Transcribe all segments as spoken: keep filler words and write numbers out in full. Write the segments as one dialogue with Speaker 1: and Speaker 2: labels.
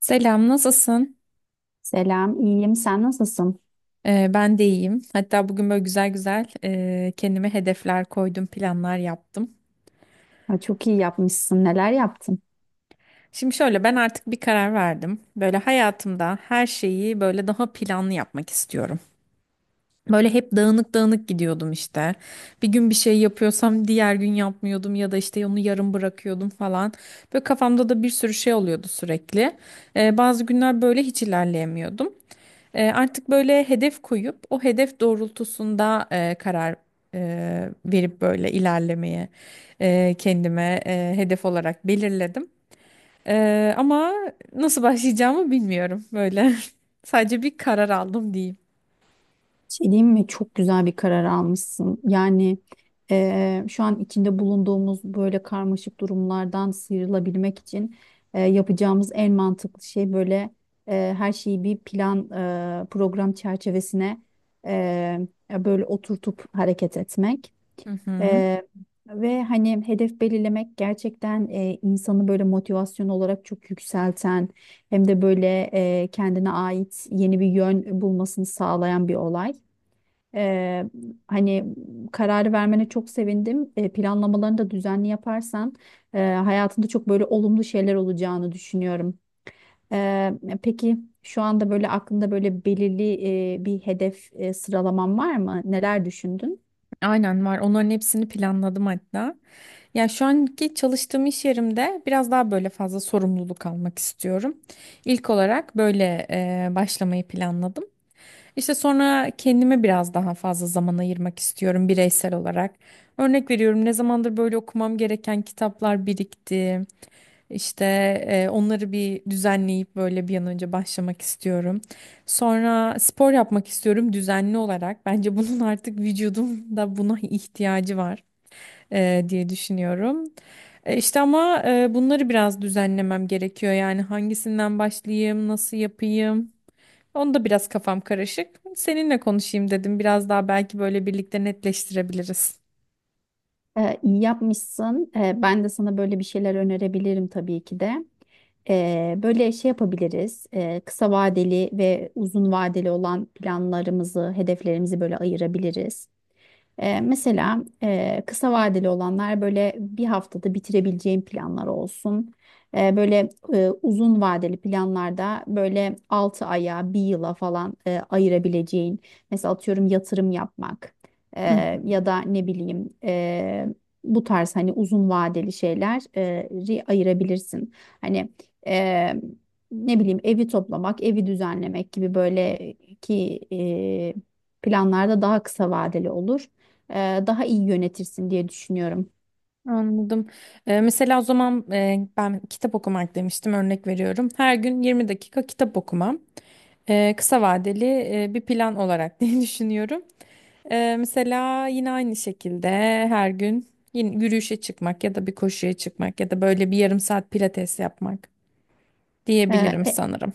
Speaker 1: Selam, nasılsın?
Speaker 2: Selam, iyiyim. Sen nasılsın?
Speaker 1: Ee, ben de iyiyim. Hatta bugün böyle güzel güzel e, kendime hedefler koydum, planlar yaptım.
Speaker 2: Ha, çok iyi yapmışsın. Neler yaptın?
Speaker 1: Şimdi şöyle ben artık bir karar verdim. Böyle hayatımda her şeyi böyle daha planlı yapmak istiyorum. Böyle hep dağınık dağınık gidiyordum işte. Bir gün bir şey yapıyorsam diğer gün yapmıyordum ya da işte onu yarım bırakıyordum falan. Böyle kafamda da bir sürü şey oluyordu sürekli. Ee, bazı günler böyle hiç ilerleyemiyordum. E, artık böyle hedef koyup o hedef doğrultusunda e, karar e, verip böyle ilerlemeye e, kendime e, hedef olarak belirledim. E, ama nasıl başlayacağımı bilmiyorum böyle. Sadece bir karar aldım diyeyim.
Speaker 2: Şey diyeyim mi? Çok güzel bir karar almışsın. Yani eee, şu an içinde bulunduğumuz böyle karmaşık durumlardan sıyrılabilmek için eee, yapacağımız en mantıklı şey böyle eee, her şeyi bir plan eee, program çerçevesine eee, böyle oturtup hareket etmek.
Speaker 1: Hı.
Speaker 2: Ee, ve hani hedef belirlemek gerçekten e, insanı böyle motivasyon olarak çok yükselten hem de böyle e, kendine ait yeni bir yön bulmasını sağlayan bir olay. Ee, hani kararı vermene çok sevindim. E, planlamalarını da düzenli yaparsan e, hayatında çok böyle olumlu şeyler olacağını düşünüyorum. Ee, peki şu anda böyle aklında böyle belirli e, bir hedef e, sıralaman var mı? Neler düşündün?
Speaker 1: Aynen var. Onların hepsini planladım hatta. Ya şu anki çalıştığım iş yerimde biraz daha böyle fazla sorumluluk almak istiyorum. İlk olarak böyle e, başlamayı planladım. İşte sonra kendime biraz daha fazla zaman ayırmak istiyorum bireysel olarak. Örnek veriyorum ne zamandır böyle okumam gereken kitaplar birikti. İşte e, onları bir düzenleyip böyle bir an önce başlamak istiyorum. Sonra spor yapmak istiyorum düzenli olarak. Bence bunun artık vücudumda buna ihtiyacı var e, diye düşünüyorum. E, işte ama e, bunları biraz düzenlemem gerekiyor. Yani hangisinden başlayayım, nasıl yapayım? Onda biraz kafam karışık. Seninle konuşayım dedim. Biraz daha belki böyle birlikte netleştirebiliriz.
Speaker 2: Ee, iyi yapmışsın. Ee, ben de sana böyle bir şeyler önerebilirim tabii ki de. Ee, böyle şey yapabiliriz. Ee, kısa vadeli ve uzun vadeli olan planlarımızı, hedeflerimizi böyle ayırabiliriz. Ee, mesela e, kısa vadeli olanlar böyle bir haftada bitirebileceğim planlar olsun. Ee, böyle e, uzun vadeli planlarda böyle altı aya, bir yıla falan e, ayırabileceğin. Mesela atıyorum yatırım yapmak
Speaker 1: Hı hı.
Speaker 2: e, ya da ne bileyim e, bu tarz hani uzun vadeli şeyleri ayırabilirsin. Hani e, ne bileyim evi toplamak, evi düzenlemek gibi böyle ki e, planlarda daha kısa vadeli olur e, daha iyi yönetirsin diye düşünüyorum.
Speaker 1: Anladım. Ee, mesela o zaman e, ben kitap okumak demiştim örnek veriyorum. Her gün yirmi dakika kitap okumam. Ee, kısa vadeli e, bir plan olarak diye düşünüyorum. Ee, mesela yine aynı şekilde her gün yine yürüyüşe çıkmak ya da bir koşuya çıkmak ya da böyle bir yarım saat pilates yapmak diyebilirim
Speaker 2: E,
Speaker 1: sanırım.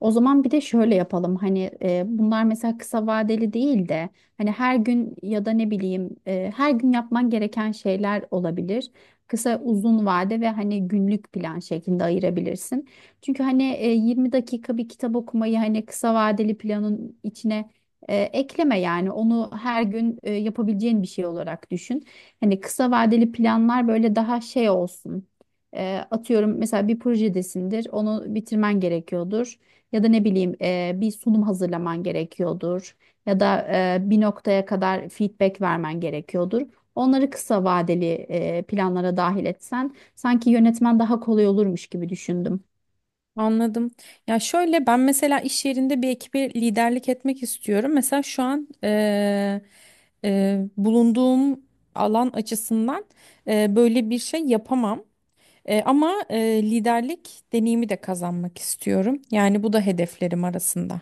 Speaker 2: O zaman bir de şöyle yapalım hani e, bunlar mesela kısa vadeli değil de hani her gün ya da ne bileyim e, her gün yapman gereken şeyler olabilir. Kısa uzun vade ve hani günlük plan şeklinde ayırabilirsin. Çünkü hani e, yirmi dakika bir kitap okumayı hani kısa vadeli planın içine e, ekleme yani onu her gün e, yapabileceğin bir şey olarak düşün. Hani kısa vadeli planlar böyle daha şey olsun. E, atıyorum mesela bir projedesindir onu bitirmen gerekiyordur. Ya da ne bileyim e, bir sunum hazırlaman gerekiyordur. Ya da e, bir noktaya kadar feedback vermen gerekiyordur. Onları kısa vadeli e, planlara dahil etsen sanki yönetmen daha kolay olurmuş gibi düşündüm.
Speaker 1: Anladım. Ya şöyle ben mesela iş yerinde bir ekibe liderlik etmek istiyorum. Mesela şu an eee, eee, bulunduğum alan açısından eee, böyle bir şey yapamam. Eee, ama eee, liderlik deneyimi de kazanmak istiyorum. Yani bu da hedeflerim arasında.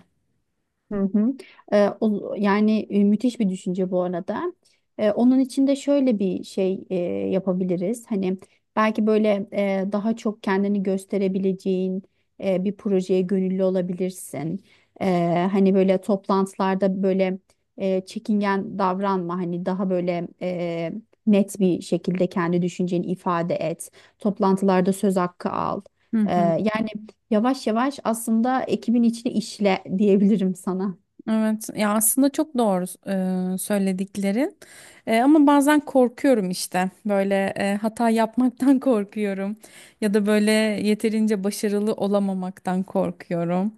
Speaker 2: Hı hı. Ee, o, yani e, müthiş bir düşünce bu arada. Ee, onun için de şöyle bir şey e, yapabiliriz. Hani belki böyle e, daha çok kendini gösterebileceğin e, bir projeye gönüllü olabilirsin. Ee, hani böyle toplantılarda böyle e, çekingen davranma. Hani daha böyle e, net bir şekilde kendi düşünceni ifade et. Toplantılarda söz hakkı al.
Speaker 1: Hı
Speaker 2: Ee,
Speaker 1: hı.
Speaker 2: yani Yavaş yavaş aslında ekibin içine işle diyebilirim sana.
Speaker 1: Evet ya, aslında çok doğru e, söylediklerin. E, ama bazen korkuyorum işte böyle e, hata yapmaktan korkuyorum ya da böyle yeterince başarılı olamamaktan korkuyorum.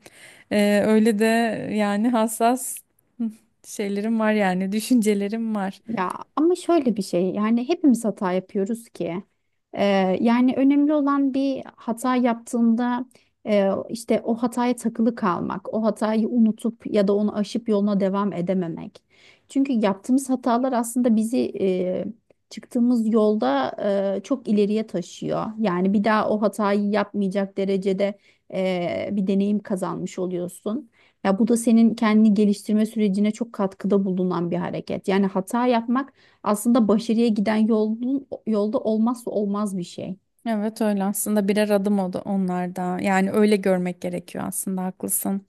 Speaker 1: E, öyle de yani hassas şeylerim var, yani düşüncelerim var.
Speaker 2: Ya ama şöyle bir şey yani hepimiz hata yapıyoruz ki. Ee, yani önemli olan bir hata yaptığında e, işte o hataya takılı kalmak, o hatayı unutup ya da onu aşıp yoluna devam edememek. Çünkü yaptığımız hatalar aslında bizi e, çıktığımız yolda e, çok ileriye taşıyor. Yani bir daha o hatayı yapmayacak derecede e, bir deneyim kazanmış oluyorsun. Ya bu da senin kendini geliştirme sürecine çok katkıda bulunan bir hareket. Yani hata yapmak aslında başarıya giden yolun, yolda olmazsa olmaz bir şey.
Speaker 1: Evet, öyle aslında, birer adım oldu onlar da, yani öyle görmek gerekiyor aslında, haklısın.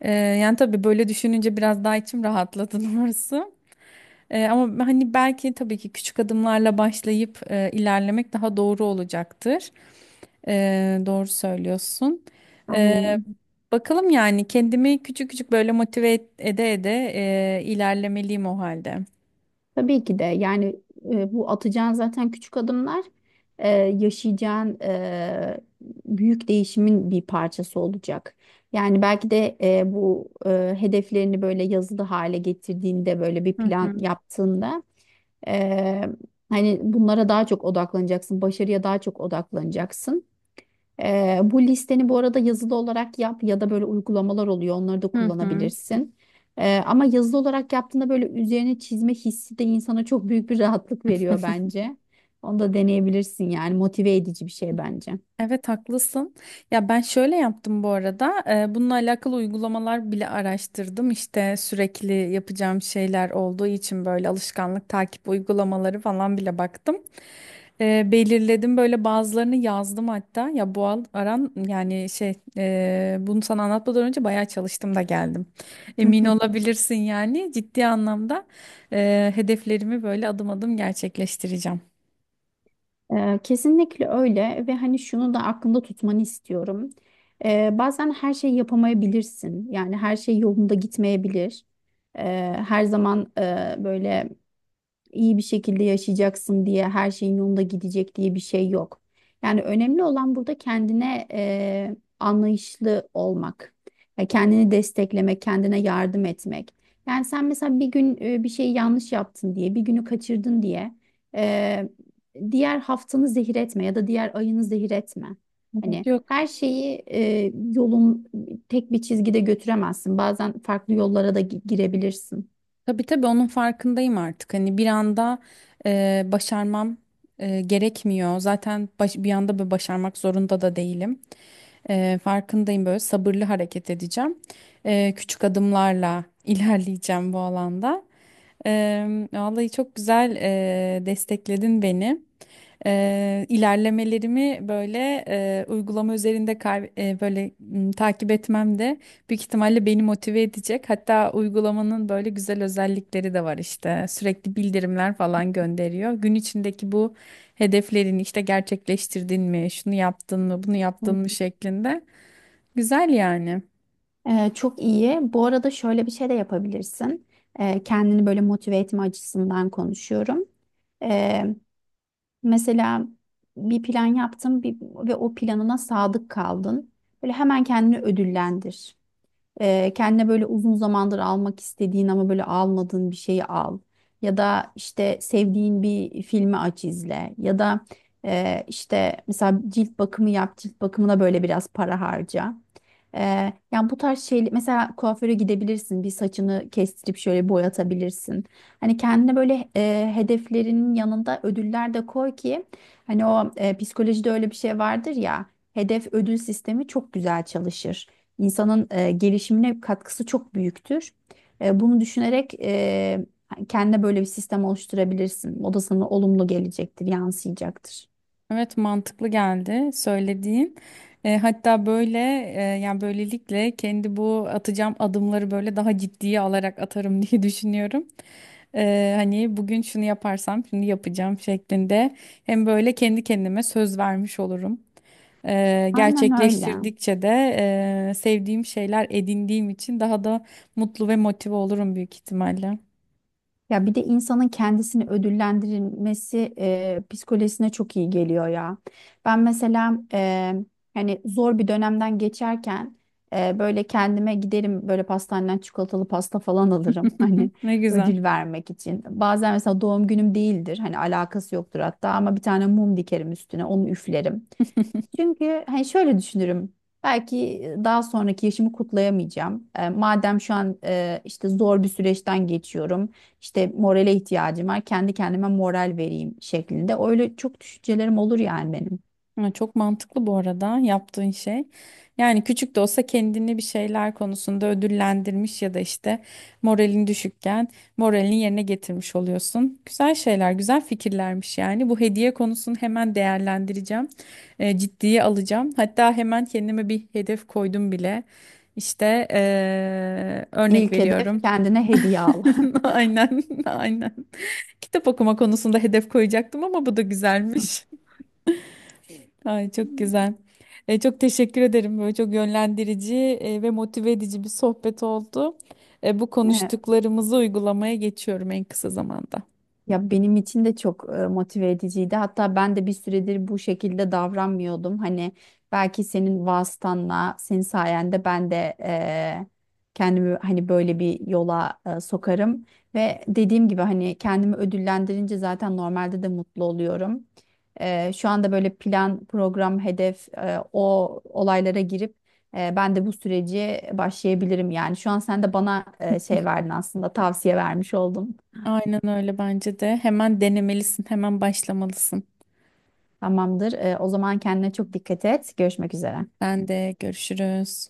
Speaker 1: E, yani tabii böyle düşününce biraz daha içim rahatladı doğrusu. E, ama hani belki tabii ki küçük adımlarla başlayıp e, ilerlemek daha doğru olacaktır. E, doğru söylüyorsun. E,
Speaker 2: Aynen.
Speaker 1: Bakalım, yani kendimi küçük küçük böyle motive et- ede ede e, ilerlemeliyim o halde.
Speaker 2: Tabii ki de yani e, bu atacağın zaten küçük adımlar e, yaşayacağın e, büyük değişimin bir parçası olacak. Yani belki de e, bu e, hedeflerini böyle yazılı hale getirdiğinde böyle bir
Speaker 1: Hı
Speaker 2: plan
Speaker 1: hı.
Speaker 2: yaptığında e, hani bunlara daha çok odaklanacaksın, başarıya daha çok odaklanacaksın. Ee, bu listeni bu arada yazılı olarak yap ya da böyle uygulamalar oluyor. Onları da
Speaker 1: Hı hı.
Speaker 2: kullanabilirsin. Ee, ama yazılı olarak yaptığında böyle üzerine çizme hissi de insana çok büyük bir rahatlık veriyor bence. Onu da deneyebilirsin yani motive edici bir şey bence.
Speaker 1: Evet, haklısın. Ya ben şöyle yaptım bu arada. Eee, bununla alakalı uygulamalar bile araştırdım. İşte sürekli yapacağım şeyler olduğu için böyle alışkanlık takip uygulamaları falan bile baktım. Eee, belirledim böyle, bazılarını yazdım hatta. Ya bu al- aran yani şey eee, bunu sana anlatmadan önce bayağı çalıştım da geldim. Emin olabilirsin, yani ciddi anlamda eee, hedeflerimi böyle adım adım gerçekleştireceğim.
Speaker 2: Ee, kesinlikle öyle ve hani şunu da aklında tutmanı istiyorum. Ee, bazen her şeyi yapamayabilirsin. Yani her şey yolunda gitmeyebilir. Ee, her zaman e, böyle iyi bir şekilde yaşayacaksın diye her şeyin yolunda gidecek diye bir şey yok. Yani önemli olan burada kendine eee, anlayışlı olmak, ya kendini desteklemek, kendine yardım etmek. Yani sen mesela bir gün e, bir şey yanlış yaptın diye, bir günü kaçırdın diye eee, diğer haftanı zehir etme ya da diğer ayını zehir etme.
Speaker 1: Evet.
Speaker 2: Hani
Speaker 1: Yok.
Speaker 2: her şeyi e, yolun tek bir çizgide götüremezsin. Bazen farklı yollara da gi- girebilirsin.
Speaker 1: Tabii tabii, onun farkındayım artık. Hani bir anda e, başarmam e, gerekmiyor. Zaten baş- bir anda böyle başarmak zorunda da değilim. E, farkındayım, böyle sabırlı hareket edeceğim. E, küçük adımlarla ilerleyeceğim bu alanda. E, vallahi çok güzel e, destekledin beni. Eee, ilerlemelerimi böyle eee, uygulama üzerinde kay- eee, böyle m, takip etmem de büyük ihtimalle beni motive edecek. Hatta uygulamanın böyle güzel özellikleri de var işte. Sürekli bildirimler falan gönderiyor. Gün içindeki bu hedeflerini işte gerçekleştirdin mi, şunu yaptın mı, bunu yaptın mı şeklinde. Güzel yani.
Speaker 2: Ee, çok iyi. Bu arada şöyle bir şey de yapabilirsin. Ee, kendini böyle motive etme açısından konuşuyorum. Ee, Mesela bir plan yaptın bir, ve o planına sadık kaldın. Böyle hemen kendini ödüllendir. Ee, kendine böyle uzun zamandır almak istediğin ama böyle almadığın bir şeyi al. Ya da işte sevdiğin bir filmi aç izle. Ya da e, işte mesela cilt bakımı yap, cilt bakımına böyle biraz para harca. Ee, yani bu tarz şey mesela kuaföre gidebilirsin, bir saçını kestirip şöyle boyatabilirsin. Hani kendine böyle e, hedeflerinin yanında ödüller de koy ki hani o e, psikolojide öyle bir şey vardır ya hedef ödül sistemi çok güzel çalışır insanın e, gelişimine katkısı çok büyüktür. E, bunu düşünerek e, kendine böyle bir sistem oluşturabilirsin. O da sana olumlu gelecektir, yansıyacaktır.
Speaker 1: Evet, mantıklı geldi söylediğin. E, hatta böyle e, yani böylelikle kendi bu atacağım adımları böyle daha ciddiye alarak atarım diye düşünüyorum. E, hani bugün şunu yaparsam şimdi yapacağım şeklinde hem böyle kendi kendime söz vermiş olurum. E,
Speaker 2: Aynen öyle.
Speaker 1: gerçekleştirdikçe de e, sevdiğim şeyler edindiğim için daha da mutlu ve motive olurum büyük ihtimalle.
Speaker 2: Ya bir de insanın kendisini ödüllendirilmesi e, psikolojisine çok iyi geliyor ya. Ben mesela e, hani zor bir dönemden geçerken e, böyle kendime giderim böyle pastaneden çikolatalı pasta falan alırım hani
Speaker 1: Ne güzel.
Speaker 2: ödül vermek için. Bazen mesela doğum günüm değildir hani alakası yoktur hatta ama bir tane mum dikerim üstüne onu üflerim. Çünkü hani şöyle düşünürüm. Belki daha sonraki yaşımı kutlayamayacağım. E, madem şu an e, işte zor bir süreçten geçiyorum. İşte morale ihtiyacım var. Kendi kendime moral vereyim şeklinde. Öyle çok düşüncelerim olur yani benim.
Speaker 1: Ha, çok mantıklı bu arada yaptığın şey. Yani küçük de olsa kendini bir şeyler konusunda ödüllendirmiş ya da işte moralin düşükken moralini yerine getirmiş oluyorsun. Güzel şeyler, güzel fikirlermiş yani. Bu hediye konusunu hemen değerlendireceğim. E, ciddiye alacağım. Hatta hemen kendime bir hedef koydum bile. İşte e, örnek
Speaker 2: İlk hedef
Speaker 1: veriyorum.
Speaker 2: kendine hediye al.
Speaker 1: Aynen, aynen. Kitap okuma konusunda hedef koyacaktım ama bu da güzelmiş. Ay, çok güzel. E, çok teşekkür ederim. Böyle çok yönlendirici e, ve motive edici bir sohbet oldu. E, bu
Speaker 2: Evet.
Speaker 1: konuştuklarımızı uygulamaya geçiyorum en kısa zamanda.
Speaker 2: Ya benim için de çok e, motive ediciydi. Hatta ben de bir süredir bu şekilde davranmıyordum. Hani belki senin vasıtanla, senin sayende ben de e, kendimi hani böyle bir yola e, sokarım. Ve dediğim gibi hani kendimi ödüllendirince zaten normalde de mutlu oluyorum. E, şu anda böyle plan, program, hedef e, o olaylara girip e, ben de bu süreci başlayabilirim yani. Şu an sen de bana e, şey verdin aslında tavsiye vermiş oldun.
Speaker 1: Aynen öyle, bence de. Hemen denemelisin, hemen başlamalısın.
Speaker 2: Tamamdır. Ee, o zaman kendine çok dikkat et. Görüşmek üzere.
Speaker 1: Ben de görüşürüz.